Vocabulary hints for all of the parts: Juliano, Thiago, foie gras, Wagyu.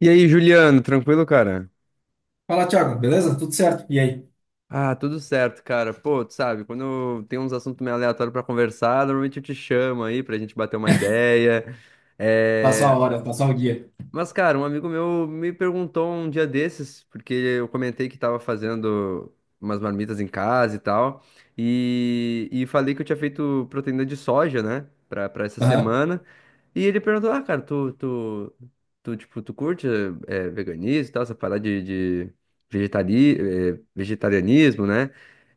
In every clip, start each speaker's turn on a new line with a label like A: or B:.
A: E aí, Juliano, tranquilo, cara?
B: Fala, Thiago, beleza? Tudo certo? E aí?
A: Ah, tudo certo, cara. Pô, tu sabe, quando tem uns assuntos meio aleatórios pra conversar, normalmente eu te chamo aí pra gente bater uma ideia.
B: Passou
A: É.
B: a hora, passou o dia.
A: Mas, cara, um amigo meu me perguntou um dia desses, porque eu comentei que tava fazendo umas marmitas em casa e tal, e falei que eu tinha feito proteína de soja, né, pra essa
B: Aham,
A: semana, e ele perguntou, ah, cara, tu, tipo, tu curte veganismo e tal, essa parada de, de vegetari, vegetarianismo, né,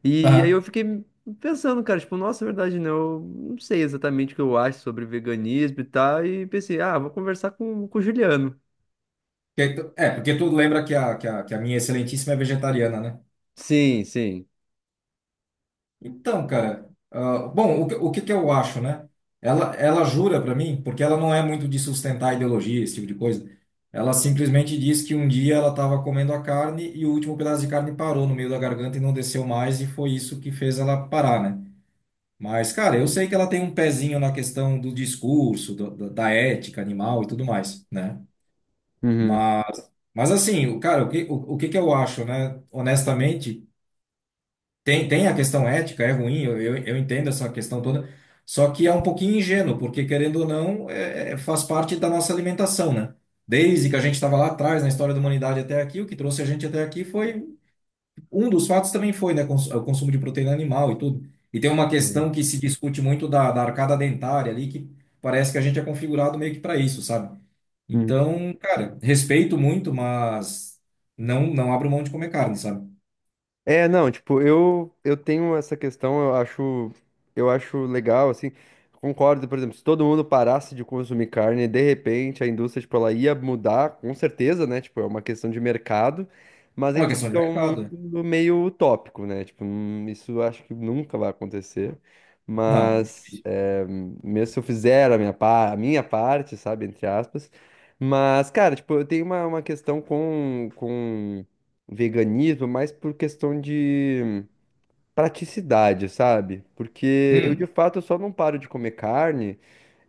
A: e aí eu
B: aham.
A: fiquei pensando, cara, tipo, nossa, é verdade, né? Eu não sei exatamente o que eu acho sobre veganismo e tal, e pensei, ah, vou conversar com o Juliano.
B: É, porque tu lembra que que a minha excelentíssima é vegetariana, né?
A: Sim, sim.
B: Então, cara, ah, bom, o que que eu acho, né? Ela jura pra mim, porque ela não é muito de sustentar ideologia, esse tipo de coisa. Ela simplesmente diz que um dia ela estava comendo a carne e o último pedaço de carne parou no meio da garganta e não desceu mais, e foi isso que fez ela parar, né? Mas, cara, eu sei que ela tem um pezinho na questão do discurso, da ética animal e tudo mais, né?
A: Uhum.
B: Mas, mas assim, cara, o que que eu acho, né? Honestamente, tem a questão ética, é ruim, eu entendo essa questão toda, só que é um pouquinho ingênuo, porque querendo ou não, faz parte da nossa alimentação, né? Desde que a gente estava lá atrás, na história da humanidade até aqui, o que trouxe a gente até aqui foi um dos fatos também foi, né, o consumo de proteína animal e tudo. E tem uma
A: Sim.
B: questão que se discute muito da arcada dentária ali, que parece que a gente é configurado meio que para isso, sabe?
A: Uhum.
B: Então, cara, respeito muito, mas não abro mão de comer carne, sabe?
A: É, não, tipo, eu tenho essa questão, eu acho legal assim. Concordo, por exemplo, se todo mundo parasse de consumir carne, de repente a indústria, tipo, ela ia mudar, com certeza, né? Tipo, é uma questão de mercado, mas a
B: É uma
A: gente sabe
B: questão de
A: que é um
B: mercado, né?
A: mundo meio utópico, né? Tipo, isso eu acho que nunca vai acontecer.
B: Não,
A: Mas
B: difícil.
A: é, mesmo se eu fizer a minha, a minha parte, sabe, entre aspas, mas cara, tipo, eu tenho uma questão com veganismo, mas por questão de praticidade, sabe? Porque eu de
B: Hum,
A: fato eu só não paro de comer carne.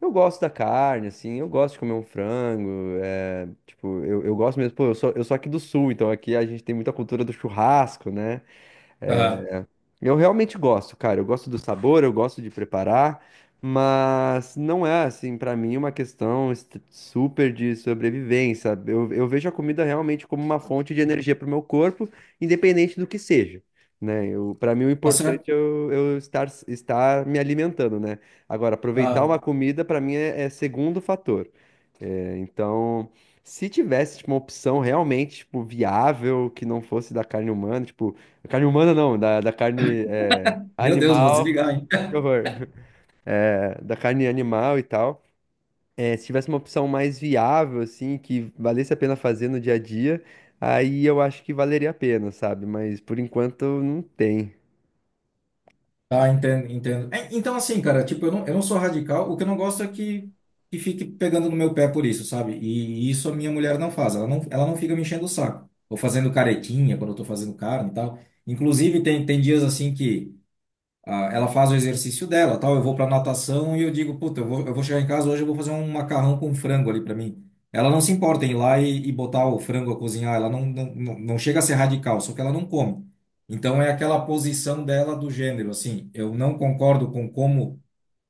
A: Eu gosto da carne, assim, eu gosto de comer um frango, é, tipo, eu gosto mesmo, pô, eu sou aqui do sul, então aqui a gente tem muita cultura do churrasco, né?
B: aham.
A: Eu realmente gosto, cara. Eu gosto do sabor, eu gosto de preparar, mas não é assim pra mim uma questão super de sobrevivência. Eu vejo a comida realmente como uma fonte de energia para o meu corpo, independente do que seja, né? Eu, para mim o
B: Tá certo.
A: importante é eu estar me alimentando, né? Agora aproveitar
B: Ah,
A: uma comida pra mim é é segundo fator. É, então, se tivesse, tipo, uma opção realmente, tipo, viável, que não fosse da carne humana, tipo, da carne humana não, da carne é,
B: meu Deus, vou
A: animal,
B: desligar, hein?
A: que horror, da carne animal e tal, é, se tivesse uma opção mais viável, assim, que valesse a pena fazer no dia a dia, aí eu acho que valeria a pena, sabe? Mas, por enquanto, não tem.
B: Ah, entendo, entendo. É, então, assim, cara, tipo, eu não sou radical, o que eu não gosto é que fique pegando no meu pé por isso, sabe? E isso a minha mulher não faz, ela não fica me enchendo o saco. Ou fazendo caretinha quando eu tô fazendo carne e tal. Inclusive, tem dias assim que. Ah, ela faz o exercício dela, tal. Eu vou para natação e eu digo, puta, eu vou chegar em casa hoje, eu vou fazer um macarrão com frango ali para mim. Ela não se importa em ir lá e botar o frango a cozinhar, ela não chega a ser radical, só que ela não come. Então é aquela posição dela do gênero, assim, eu não concordo com como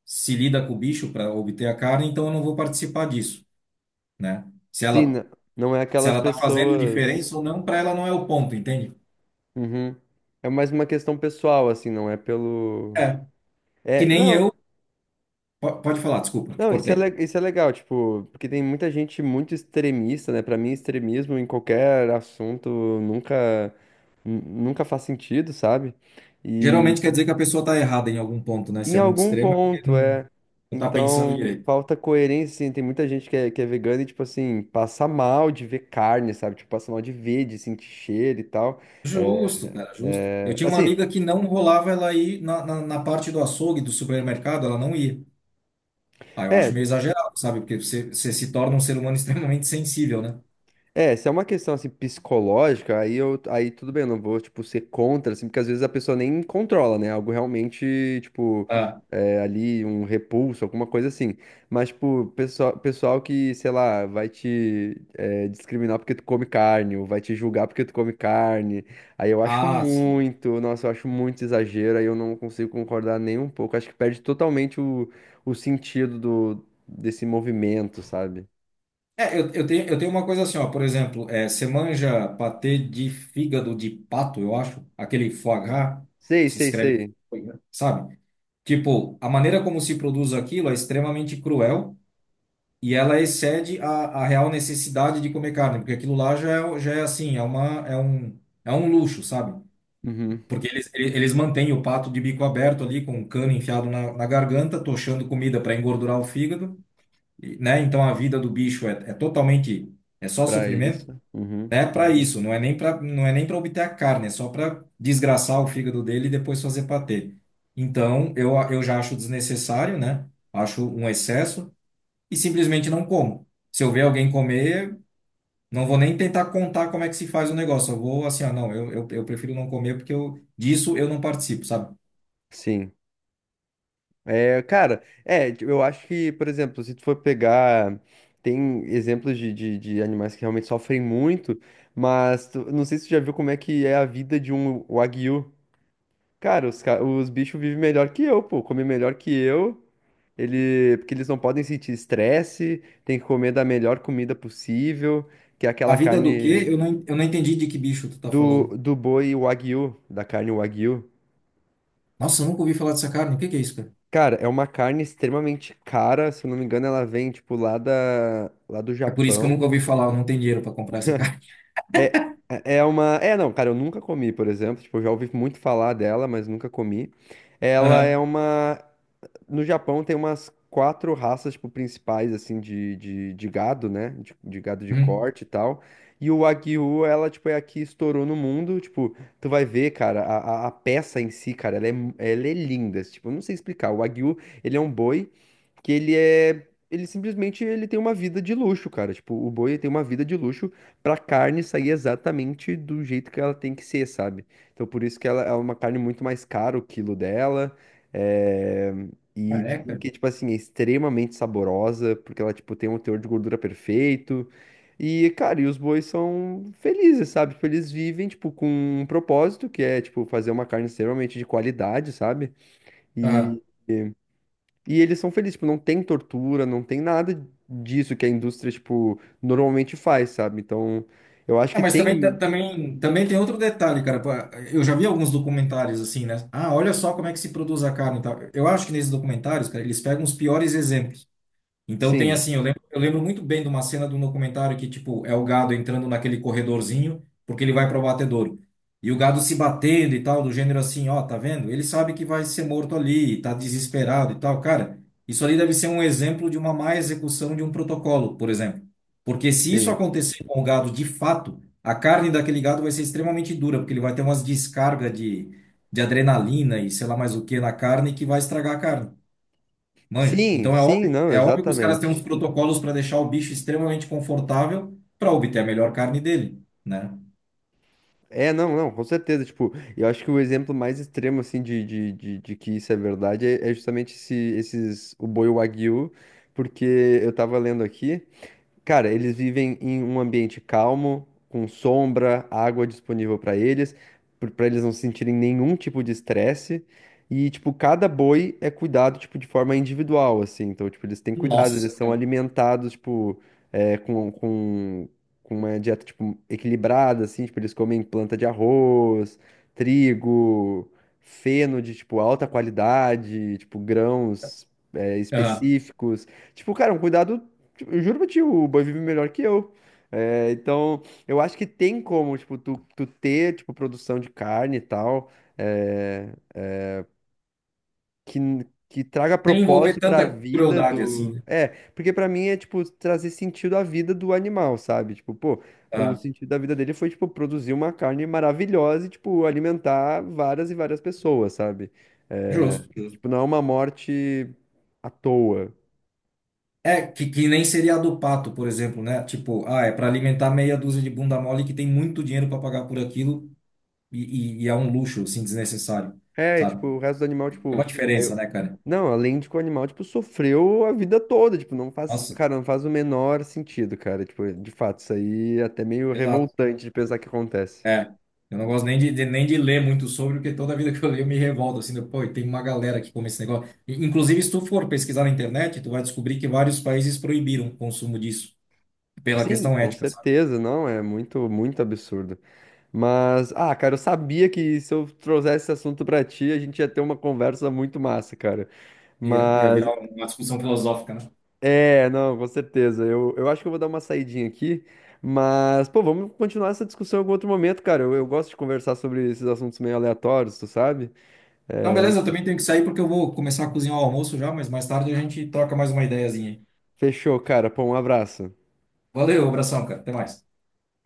B: se lida com o bicho para obter a carne, então eu não vou participar disso, né? Se
A: Sim,
B: ela,
A: não é
B: se
A: aquelas
B: ela tá fazendo
A: pessoas...
B: diferença ou não, para ela não é o ponto, entende?
A: Uhum. É mais uma questão pessoal, assim, não é pelo...
B: É, que
A: É,
B: nem
A: não,
B: eu. Pode falar, desculpa, te
A: não, isso é,
B: cortei.
A: isso é legal, tipo, porque tem muita gente muito extremista, né? Pra mim, extremismo em qualquer assunto nunca, nunca faz sentido, sabe? E
B: Geralmente quer dizer que a pessoa está errada em algum ponto, né? Se
A: em
B: é muito
A: algum
B: extremo, é porque
A: ponto
B: não
A: é.
B: está pensando
A: Então,
B: direito.
A: falta coerência, assim, tem muita gente que é vegana e, tipo assim, passa mal de ver carne, sabe? Tipo, passa mal de ver, de sentir cheiro e tal. É,
B: Justo, cara, justo. Eu
A: é,
B: tinha uma
A: assim,
B: amiga que não rolava ela ir na parte do açougue, do supermercado, ela não ia. Ah, eu acho
A: é,
B: meio exagerado, sabe? Porque você se torna um ser humano extremamente sensível, né?
A: é, se é uma questão assim psicológica, aí eu, aí tudo bem, eu não vou tipo ser contra, assim, porque às vezes a pessoa nem controla, né? Algo realmente tipo
B: Ah,
A: é, ali um repulso, alguma coisa assim. Mas tipo pessoal, pessoal que sei lá vai te é, discriminar porque tu come carne, ou vai te julgar porque tu come carne, aí eu acho
B: sim.
A: muito, nossa, eu acho muito exagero, aí eu não consigo concordar nem um pouco. Acho que perde totalmente o sentido do desse movimento, sabe?
B: É, eu tenho uma coisa assim, ó, por exemplo, é, você manja patê de fígado de pato, eu acho, aquele foie gras,
A: Sei,
B: se
A: sei,
B: escreve,
A: sei.
B: foie gras, sabe? Tipo, a maneira como se produz aquilo é extremamente cruel. E ela excede a real necessidade de comer carne, porque aquilo lá já já é assim, é um luxo, sabe?
A: Uhum.
B: Porque eles, eles mantêm o pato de bico aberto ali, com o cano enfiado na garganta, tochando comida para engordurar o fígado, e, né? Então a vida do bicho é totalmente, é só
A: Pra
B: sofrimento,
A: isso. Uhum.
B: né? Para isso, não é nem para obter a carne, é só para desgraçar o fígado dele e depois fazer patê. Então, eu já acho desnecessário, né? Acho um excesso e simplesmente não como. Se eu ver alguém comer, não vou nem tentar contar como é que se faz o negócio. Eu vou assim, ah, não, eu prefiro não comer porque eu, disso eu não participo, sabe?
A: Sim. É, cara, é, tipo, eu acho que, por exemplo, se tu for pegar, tem exemplos de animais que realmente sofrem muito, mas não sei se tu já viu como é que é a vida de um Wagyu. Cara, os, os bichos vivem melhor que eu, pô, comem melhor que eu, ele, porque eles não podem sentir estresse, tem que comer da melhor comida possível, que é
B: A
A: aquela
B: vida do
A: carne
B: quê? Eu não entendi de que bicho tu tá falando.
A: do, do boi Wagyu, da carne Wagyu.
B: Nossa, eu nunca ouvi falar dessa carne. O que que é isso, cara?
A: Cara, é uma carne extremamente cara, se eu não me engano, ela vem, tipo, lá da, lá do
B: É por isso que eu nunca
A: Japão.
B: ouvi falar, eu não tenho dinheiro para comprar essa carne.
A: É, é é uma. É, não, cara, eu nunca comi, por exemplo. Tipo, eu já ouvi muito falar dela, mas nunca comi. Ela é
B: Aham.
A: uma. No Japão tem umas quatro raças, tipo, principais, assim, de gado, né? De gado de
B: Hum.
A: corte e tal. E o Wagyu, ela, tipo, é a que estourou no mundo. Tipo, tu vai ver, cara, a peça em si, cara, ela é, ela é linda. Tipo, eu não sei explicar. O Wagyu, ele é um boi que ele é... Ele simplesmente ele tem uma vida de luxo, cara. Tipo, o boi tem uma vida de luxo pra carne sair exatamente do jeito que ela tem que ser, sabe? Então, por isso que ela é uma carne muito mais cara, o quilo dela. É,
B: Ah,
A: e
B: é.
A: dizem que, tipo assim, é extremamente saborosa, porque ela, tipo, tem um teor de gordura perfeito. E, cara, e os bois são felizes, sabe? Tipo, eles vivem, tipo, com um propósito, que é, tipo, fazer uma carne extremamente de qualidade, sabe?
B: Aham.
A: E, e eles são felizes, tipo, não tem tortura, não tem nada disso que a indústria, tipo, normalmente faz, sabe? Então, eu acho
B: É,
A: que
B: mas também,
A: tem...
B: também tem outro detalhe, cara. Pô, eu já vi alguns documentários assim, né? Ah, olha só como é que se produz a carne e tal. Eu acho que nesses documentários, cara, eles pegam os piores exemplos. Então tem
A: Sim,
B: assim, eu lembro muito bem de uma cena de um documentário que, tipo, é o gado entrando naquele corredorzinho, porque ele vai para o batedouro. E o gado se batendo e tal, do gênero assim, ó, tá vendo? Ele sabe que vai ser morto ali, tá desesperado e tal. Cara, isso ali deve ser um exemplo de uma má execução de um protocolo, por exemplo. Porque se isso
A: sim.
B: acontecer com o gado de fato, a carne daquele gado vai ser extremamente dura, porque ele vai ter umas descargas de adrenalina e sei lá mais o que na carne que vai estragar a carne. Manja.
A: Sim,
B: Então
A: sim, não,
B: é óbvio que os caras têm uns
A: exatamente.
B: protocolos para deixar o bicho extremamente confortável para obter a melhor carne dele, né?
A: É, não, não, com certeza. Tipo, eu acho que o exemplo mais extremo, assim, de que isso é verdade é, é justamente esse, esses, o boi Wagyu, porque eu tava lendo aqui. Cara, eles vivem em um ambiente calmo, com sombra, água disponível para eles não sentirem nenhum tipo de estresse. E, tipo, cada boi é cuidado, tipo, de forma individual, assim. Então, tipo, eles têm cuidados eles
B: Nossa,
A: são
B: cara.
A: alimentados, tipo, é, com uma dieta, tipo, equilibrada, assim. Tipo, eles comem planta de arroz, trigo, feno de, tipo, alta qualidade, tipo, grãos, é,
B: Aham.
A: específicos. Tipo, cara, um cuidado. Tipo, eu juro pra ti, o boi vive melhor que eu. É, então, eu acho que tem como, tipo, tu ter, tipo, produção de carne e tal, é, que, que traga
B: Sem envolver
A: propósito pra
B: tanta
A: vida
B: crueldade assim,
A: do...
B: né?
A: É, porque pra mim é, tipo, trazer sentido à vida do animal, sabe? Tipo, pô, o
B: Aham.
A: sentido da vida dele foi, tipo, produzir uma carne maravilhosa e, tipo, alimentar várias e várias pessoas, sabe? É,
B: Justo, justo.
A: tipo, não é uma morte à toa.
B: É, que nem seria a do pato, por exemplo, né? Tipo, ah, é para alimentar meia dúzia de bunda mole que tem muito dinheiro para pagar por aquilo e, e é um luxo, assim, desnecessário,
A: É, e, tipo,
B: sabe?
A: o resto do animal,
B: É uma
A: tipo. Aí
B: diferença,
A: eu...
B: né, cara?
A: Não, além de que o animal, tipo, sofreu a vida toda. Tipo, não faz.
B: Nossa,
A: Cara, não faz o menor sentido, cara. Tipo, de fato, isso aí é até meio
B: exato.
A: revoltante de pensar que acontece.
B: É, eu não gosto nem nem de ler muito sobre, porque toda vida que eu leio eu me revolto, assim, de, pô, e tem uma galera que come esse negócio. E, inclusive, se tu for pesquisar na internet, tu vai descobrir que vários países proibiram o consumo disso, pela
A: Sim,
B: questão
A: com
B: ética, sabe?
A: certeza, não, é muito, muito absurdo. Mas, ah, cara, eu sabia que se eu trouxesse esse assunto pra ti, a gente ia ter uma conversa muito massa, cara.
B: Ia, ia
A: Mas
B: virar uma discussão filosófica, né?
A: é, não, com certeza. Eu acho que eu vou dar uma saidinha aqui, mas, pô, vamos continuar essa discussão em algum outro momento, cara. Eu gosto de conversar sobre esses assuntos meio aleatórios, tu sabe?
B: Então,
A: É,
B: beleza, eu também tenho que sair porque eu vou começar a cozinhar o almoço já, mas mais tarde a gente troca mais uma ideiazinha aí.
A: fechou, cara. Pô, um abraço.
B: Valeu, abração, cara, até mais.